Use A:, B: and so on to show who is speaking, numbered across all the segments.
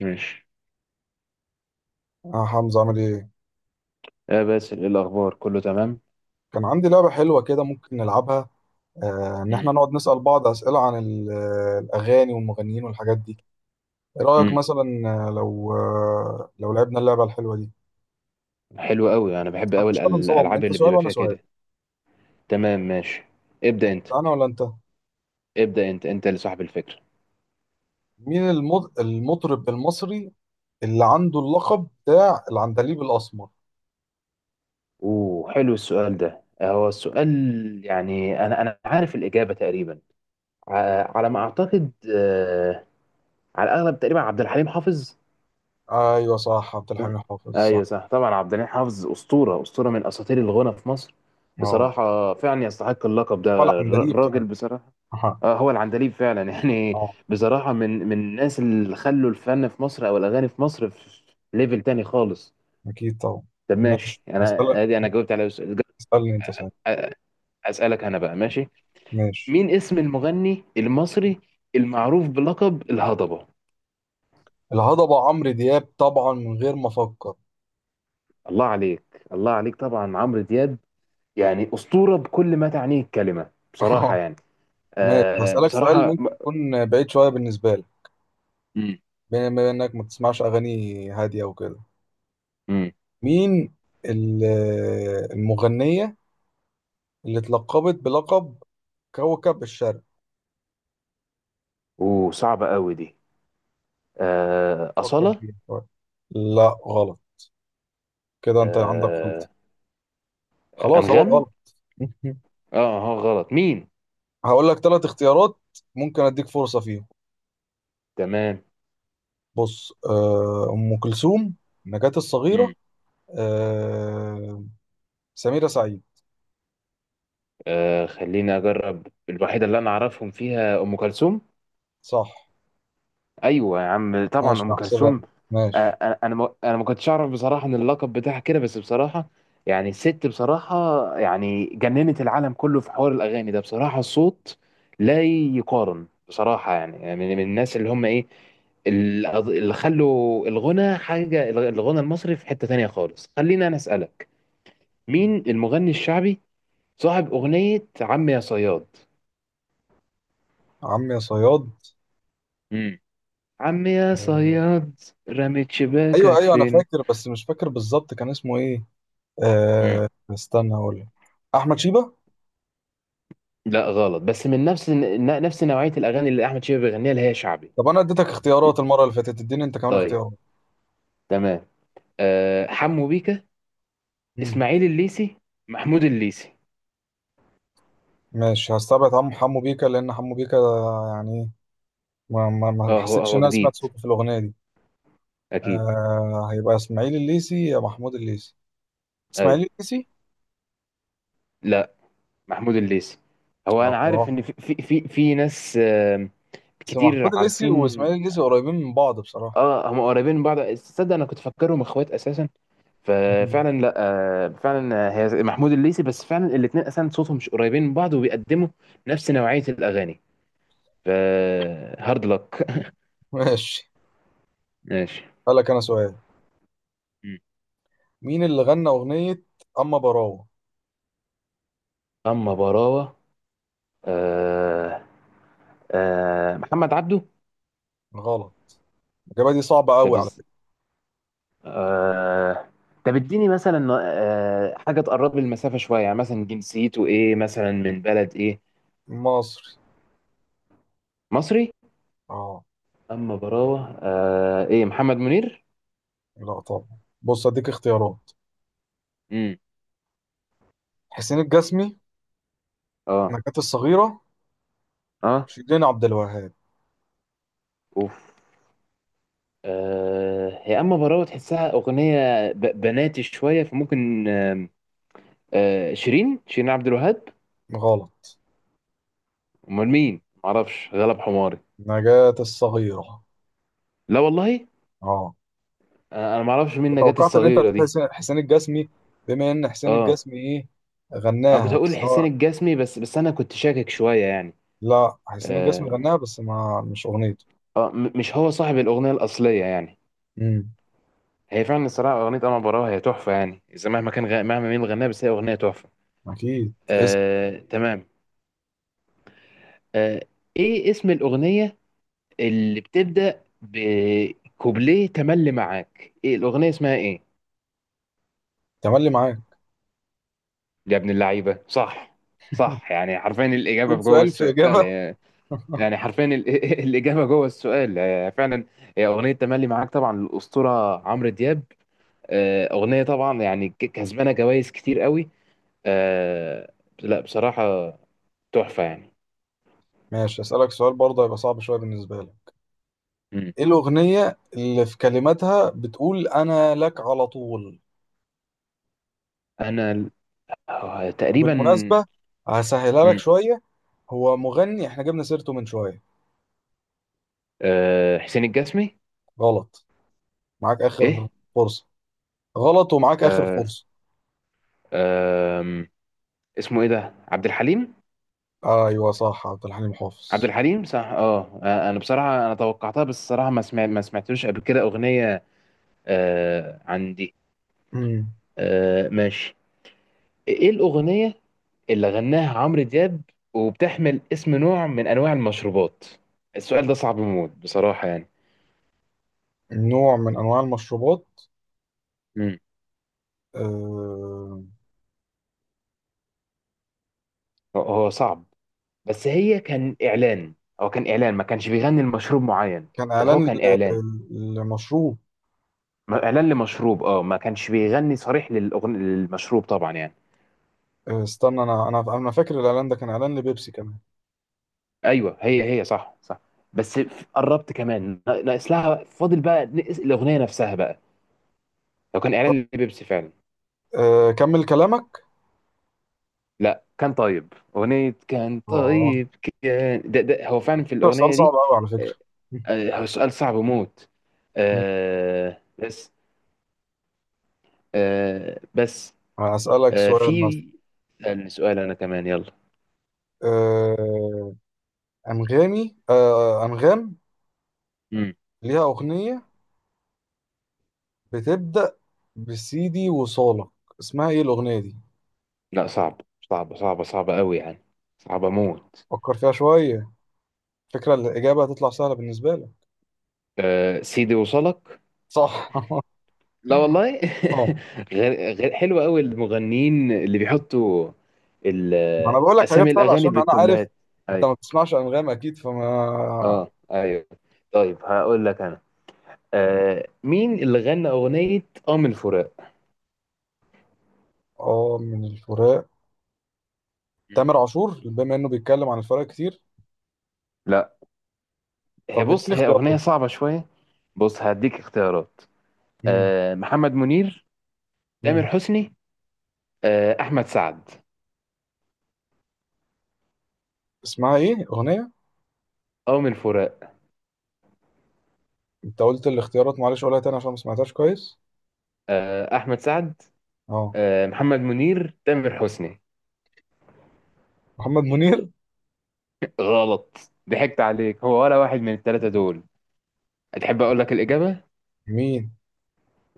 A: ماشي.
B: اه، حمزة عامل ايه؟
A: يا باسل ايه الاخبار كله تمام؟
B: كان عندي لعبة حلوة كده، ممكن نلعبها. ان
A: مم.
B: احنا نقعد نسأل بعض أسئلة عن الأغاني والمغنيين والحاجات دي. ايه رأيك
A: امم
B: مثلا؟ لو لعبنا اللعبة الحلوة دي.
A: حلو قوي، انا بحب قوي
B: مش نظام
A: الالعاب
B: انت
A: اللي
B: سؤال
A: بتبقى
B: وانا
A: فيها
B: سؤال؟
A: كده. تمام ماشي. ابدا انت.
B: انا ولا انت؟
A: ابدا انت، انت اللي صاحب الفكره.
B: مين المطرب المصري اللي عنده اللقب بتاع العندليب الأسمر؟
A: اوه حلو السؤال ده، هو السؤال. يعني انا عارف الاجابه تقريبا، على ما اعتقد، على الاغلب تقريبا عبد الحليم حافظ.
B: ايوه صح، عبد الحميد حافظ، صح.
A: ايوه صح طبعا، عبد الحليم حافظ اسطوره، اسطوره من اساطير الغنى في مصر.
B: اه،
A: بصراحه فعلا يستحق اللقب
B: ولا
A: ده
B: عندليب فعلا.
A: الراجل بصراحه.
B: اه.
A: اه هو العندليب فعلا يعني.
B: آه،
A: بصراحة من الناس اللي خلوا الفن في مصر او الاغاني في مصر في ليفل تاني خالص.
B: اكيد طبعا.
A: طب ماشي
B: ماشي هسألك.
A: انا ادي، انا جاوبت على سؤال.
B: اسألني انت سؤال.
A: أ- اسألك انا بقى، ماشي.
B: ماشي.
A: مين اسم المغني المصري المعروف بلقب الهضبة؟
B: الهضبة عمرو دياب طبعا، من غير ما أفكر.
A: الله عليك، الله عليك، طبعا عمرو دياب. يعني أسطورة بكل ما تعنيه الكلمة بصراحة يعني.
B: ماشي
A: آه
B: هسألك سؤال
A: بصراحة.
B: ممكن يكون بعيد شوية بالنسبة لك.
A: امم
B: بما إنك ما بتسمعش أغاني هادية وكده،
A: امم
B: مين ال- المغنية اللي اتلقبت بلقب كوكب الشرق؟
A: وصعبة قوي دي. آه
B: فكر
A: أصالة.
B: فيها شوية. لا غلط، كده أنت عندك
A: آه
B: غلط. خلاص هو
A: أنغام.
B: غلط.
A: اه. اه غلط مين؟
B: هقول لك ثلاث اختيارات، ممكن أديك فرصة فيهم.
A: تمام.
B: بص، أم كلثوم، نجاة الصغيرة،
A: مم.
B: آه، سميرة سعيد.
A: آه خليني اجرب الوحيده اللي انا اعرفهم فيها، ام كلثوم.
B: صح.
A: ايوه يا عم طبعا
B: ماشي
A: ام
B: هحسبها
A: كلثوم.
B: لك.
A: آه،
B: ماشي.
A: انا ما كنتش اعرف بصراحه ان اللقب بتاعها كده، بس بصراحه يعني الست بصراحه، يعني جننت العالم كله في حوار الاغاني ده بصراحه. الصوت لا يقارن بصراحه، يعني من الناس اللي هم ايه، اللي خلوا الغنى حاجة، الغنى المصري في حتة تانية خالص. خلينا أنا أسألك، مين المغني الشعبي صاحب أغنية عم يا صياد؟
B: عم يا صياد.
A: امم عم يا
B: آه،
A: صياد، رميت
B: ايوه
A: شباكك
B: ايوه، انا
A: فين؟
B: فاكر بس مش فاكر بالظبط كان اسمه ايه.
A: امم
B: استنى اقول لك. احمد شيبة.
A: لا غلط، بس من نفس نفس نوعية الأغاني اللي أحمد شيبة بيغنيها اللي هي شعبي.
B: طب انا اديتك اختيارات المره اللي فاتت، اديني انت كمان
A: طيب
B: اختيارات.
A: تمام. أه حمو بيكا،
B: مم.
A: إسماعيل الليسي، محمود الليسي.
B: ماشي هستبعد عم حمو بيكا، لان حمو بيكا يعني ما
A: اه هو
B: حسيتش ان
A: هو
B: انا سمعت
A: جديد
B: صوته في الاغنيه دي.
A: أكيد.
B: آه هيبقى اسماعيل الليسي يا محمود الليسي.
A: أيوه.
B: اسماعيل الليسي.
A: لا محمود الليسي. هو أنا
B: اه،
A: عارف إن في ناس
B: بس محمود
A: كتير
B: الليسي
A: عارفين.
B: واسماعيل الليسي قريبين من بعض بصراحه.
A: اه هم قريبين من بعض، تصدق انا كنت فاكرهم اخوات اساسا؟
B: مم.
A: ففعلا لا، فعلا. هي محمود الليثي، بس فعلا الاثنين اساسا صوتهم مش قريبين من بعض، وبيقدموا نفس نوعية الاغاني. ف هارد لك.
B: ماشي
A: ماشي.
B: هلك انا سؤال.
A: مم.
B: مين اللي غنى اغنية اما براوة؟
A: اما براوة. آه. آه محمد عبده.
B: غلط. الاجابة دي صعبة
A: طب
B: قوي على
A: إز-
B: فكرة.
A: آه طب اديني مثلا حاجة تقرب لي المسافة شوية، يعني مثلا جنسيته ايه، مثلا من بلد ايه؟
B: مصري.
A: مصري.
B: اه.
A: اما براوة، آه ايه، محمد منير.
B: لا طبعا. بص اديك اختيارات:
A: امم
B: حسين الجسمي،
A: اه.
B: نجاة الصغيرة،
A: اه.
B: شيرين عبد الوهاب.
A: اوف. آه هي اما براوة تحسها اغنيه بناتي شويه، فممكن، آه شيرين، شيرين عبد الوهاب.
B: غلط.
A: امال مين؟ معرفش، غلب حماري.
B: نجاة الصغيرة.
A: لا والله.
B: اه.
A: آه انا معرفش مين نجاة
B: توقعت ان انت
A: الصغيره
B: هتقول
A: دي.
B: حسين الجسمي، بما ان حسين
A: اه
B: الجسمي ايه
A: انا كنت
B: غناها،
A: هقول
B: بس
A: حسين
B: هو.
A: الجسمي، بس انا كنت شاكك شويه يعني.
B: لا حسين الجسمي
A: اه،
B: غناها بس ما، مش اغنيته.
A: آه مش هو صاحب الاغنيه الاصليه يعني.
B: امم.
A: هي فعلا الصراحه اغنيه اما براوة هي تحفه يعني، اذا مهما كان مهما مين اللي غناها، بس هي اغنيه تحفه.
B: اكيد اسم.
A: آه تمام. آه ايه اسم الاغنيه اللي بتبدأ بكوبليه تملي معاك؟ ايه الأغنية اسمها ايه؟
B: تملي معاك.
A: يا ابن اللعيبة صح، صح، يعني حرفيا الإجابة
B: تقول
A: في جوه
B: سؤال في
A: السؤال
B: اجابة.
A: يعني. يعني حرفيا الإجابة جوه السؤال يعني فعلا. هي أغنية تملي معاك طبعا للأسطورة عمرو دياب. آه، أغنية طبعا يعني كسبانة جوائز كتير قوي. آه، لا بصراحة تحفة يعني.
B: ماشي أسألك سؤال برضه هيبقى صعب شوية بالنسبة لك.
A: مم.
B: إيه الأغنية اللي في كلماتها بتقول أنا لك على طول؟
A: أنا ال- آه، تقريبا.
B: بالمناسبة، هسهلها لك
A: مم.
B: شوية، هو مغني إحنا جبنا سيرته من شوية.
A: آه، حسين الجسمي.
B: غلط. معاك آخر
A: ايه.
B: فرصة. غلط، ومعاك آخر
A: آه،
B: فرصة.
A: آم، اسمه ايه ده، عبد الحليم.
B: أيوه صح، عبد الحليم
A: عبد
B: حافظ.
A: الحليم صح، اه آه، انا بصراحه انا توقعتها، بس الصراحه ما سمعتلوش قبل كده اغنيه آه عندي.
B: مم.
A: آه ماشي. ايه الاغنيه اللي غناها عمرو دياب وبتحمل اسم نوع من انواع المشروبات؟ السؤال ده صعب موت بصراحه يعني.
B: نوع من أنواع المشروبات.
A: مم.
B: آه...
A: هو صعب، بس هي كان اعلان، هو كان اعلان، ما كانش بيغني المشروب معين.
B: كان
A: بس هو
B: إعلان
A: كان اعلان
B: لمشروب.
A: اعلان لمشروب، اه ما كانش بيغني صريح للمشروب طبعا يعني.
B: استنى، أنا فاكر الإعلان ده كان إعلان لبيبسي كمان.
A: ايوه هي صح صح. بس قربت كمان، ناقص لها فاضل بقى نقص الاغنيه نفسها بقى. لو كان اعلان لبيبسي فعلا.
B: آه... كمل كلامك.
A: لا كان طيب اغنيه، كان
B: آه،
A: طيب. كان ده هو فعلا في
B: ده سؤال
A: الاغنيه
B: صعب
A: دي.
B: قوي على فكرة.
A: آه، آه، هو سؤال صعب موت.
B: مم.
A: آه بس. آه بس.
B: هسألك
A: آه
B: سؤال مثلا.
A: في. سألني سؤال انا كمان، يلا.
B: آه، أنغام
A: مم.
B: ليها أغنية بتبدأ بسيدي وصالك، اسمها إيه الأغنية دي؟
A: لا صعب، صعب قوي يعني، صعب موت.
B: فكر فيها شوية، فكرة الإجابة هتطلع سهلة بالنسبة لك.
A: آه سيدي وصلك.
B: صح.
A: لا والله.
B: اه،
A: غير غير حلو قوي المغنيين اللي بيحطوا ال-
B: ما أنا بقول لك
A: اسامي
B: حاجات سهلة
A: الاغاني
B: عشان أنا عارف
A: بالكوبلهات.
B: أنت ما
A: ايوه.
B: بتسمعش أنغام أكيد، فما...
A: اه ايوه. طيب هقول لك انا، آه مين اللي غنى اغنيه اه من فراق؟
B: من الفراق.
A: مم.
B: تامر عاشور، بما إنه بيتكلم عن الفراق كتير.
A: لا. هي
B: طب إديني
A: بص هي اغنيه
B: اختيارات.
A: صعبه شويه. بص هديك اختيارات.
B: مم.
A: آه محمد منير، تامر
B: مم.
A: حسني، آه احمد سعد.
B: اسمها إيه أغنية؟
A: اه من فراق.
B: انت قلت الاختيارات، معلش قولها تاني عشان ما سمعتهاش كويس.
A: آه احمد سعد،
B: اه
A: آه محمد منير، تامر حسني.
B: محمد منير.
A: غلط، ضحكت عليك، هو ولا واحد من الثلاثة دول. هتحب أقول لك الإجابة؟
B: مين؟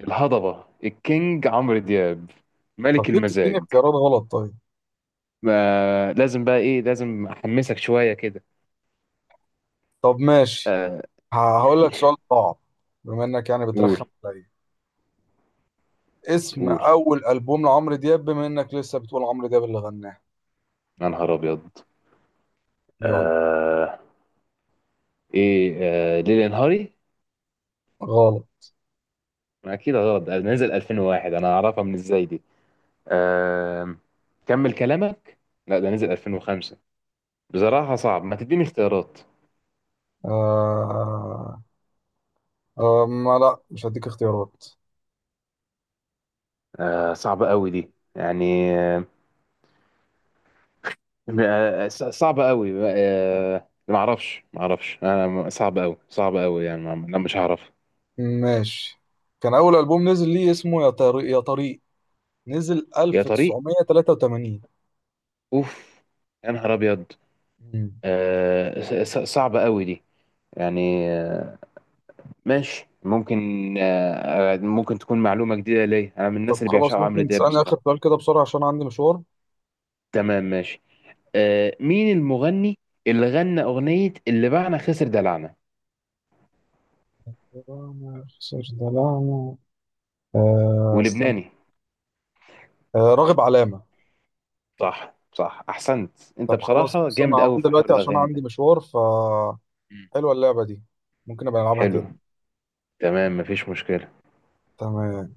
A: الهضبة الكينج عمرو دياب،
B: طب
A: ملك
B: ليه بتديني
A: المزاج.
B: اختيارات غلط طيب؟
A: ما لازم بقى، إيه لازم أحمسك شوية كده.
B: طب ماشي.
A: آه
B: هقول لك سؤال صعب، بما انك يعني بترخم
A: قول.
B: عليا. اسم
A: قول.
B: اول البوم لعمرو دياب، بما انك لسه بتقول عمرو دياب اللي غناه.
A: يا نهار أبيض.
B: يلا.
A: آه إيه، آه ليلي نهاري؟
B: غلط.
A: ما أكيد غلط، ده نزل 2001، أنا أعرفها من إزاي دي. آه كمل كلامك؟ لا ده نزل 2005. بصراحة صعب، ما تديني اختيارات.
B: آه... آه... ما لا، مش هديك اختيارات.
A: آه صعبة قوي دي يعني، آه، آه، صعبة قوي، آه، ما اعرفش انا صعب قوي، صعب قوي يعني، انا مش هعرف.
B: ماشي. كان اول البوم نزل ليه اسمه يا طريق يا طريق، نزل
A: يا طريق.
B: 1983.
A: اوف. يا نهار ابيض.
B: مم.
A: آه، صعبة قوي دي يعني، آه، ماشي ممكن، آه، آه، ممكن تكون معلومة جديدة ليا، انا من الناس
B: طب
A: اللي
B: خلاص
A: بيعشقوا عمرو
B: ممكن
A: دياب
B: تسألني آخر
A: بصراحة.
B: سؤال كده بسرعة عشان عندي مشوار.
A: تمام ماشي. آه، مين المغني اللي غنى اغنية اللي باعنا خسر دلعنا؟
B: دلعنا خسر دلعنا. آه استنى.
A: ولبناني.
B: آه راغب علامة.
A: صح صح احسنت. انت
B: طب خلاص،
A: بصراحة
B: بص أنا
A: جامد
B: هقوم
A: قوي في حوار
B: دلوقتي عشان
A: الاغاني
B: عندي
A: ده.
B: مشوار، ف
A: مم.
B: حلوة اللعبة دي، ممكن أبقى ألعبها
A: حلو.
B: تاني.
A: تمام مفيش مشكلة.
B: تمام.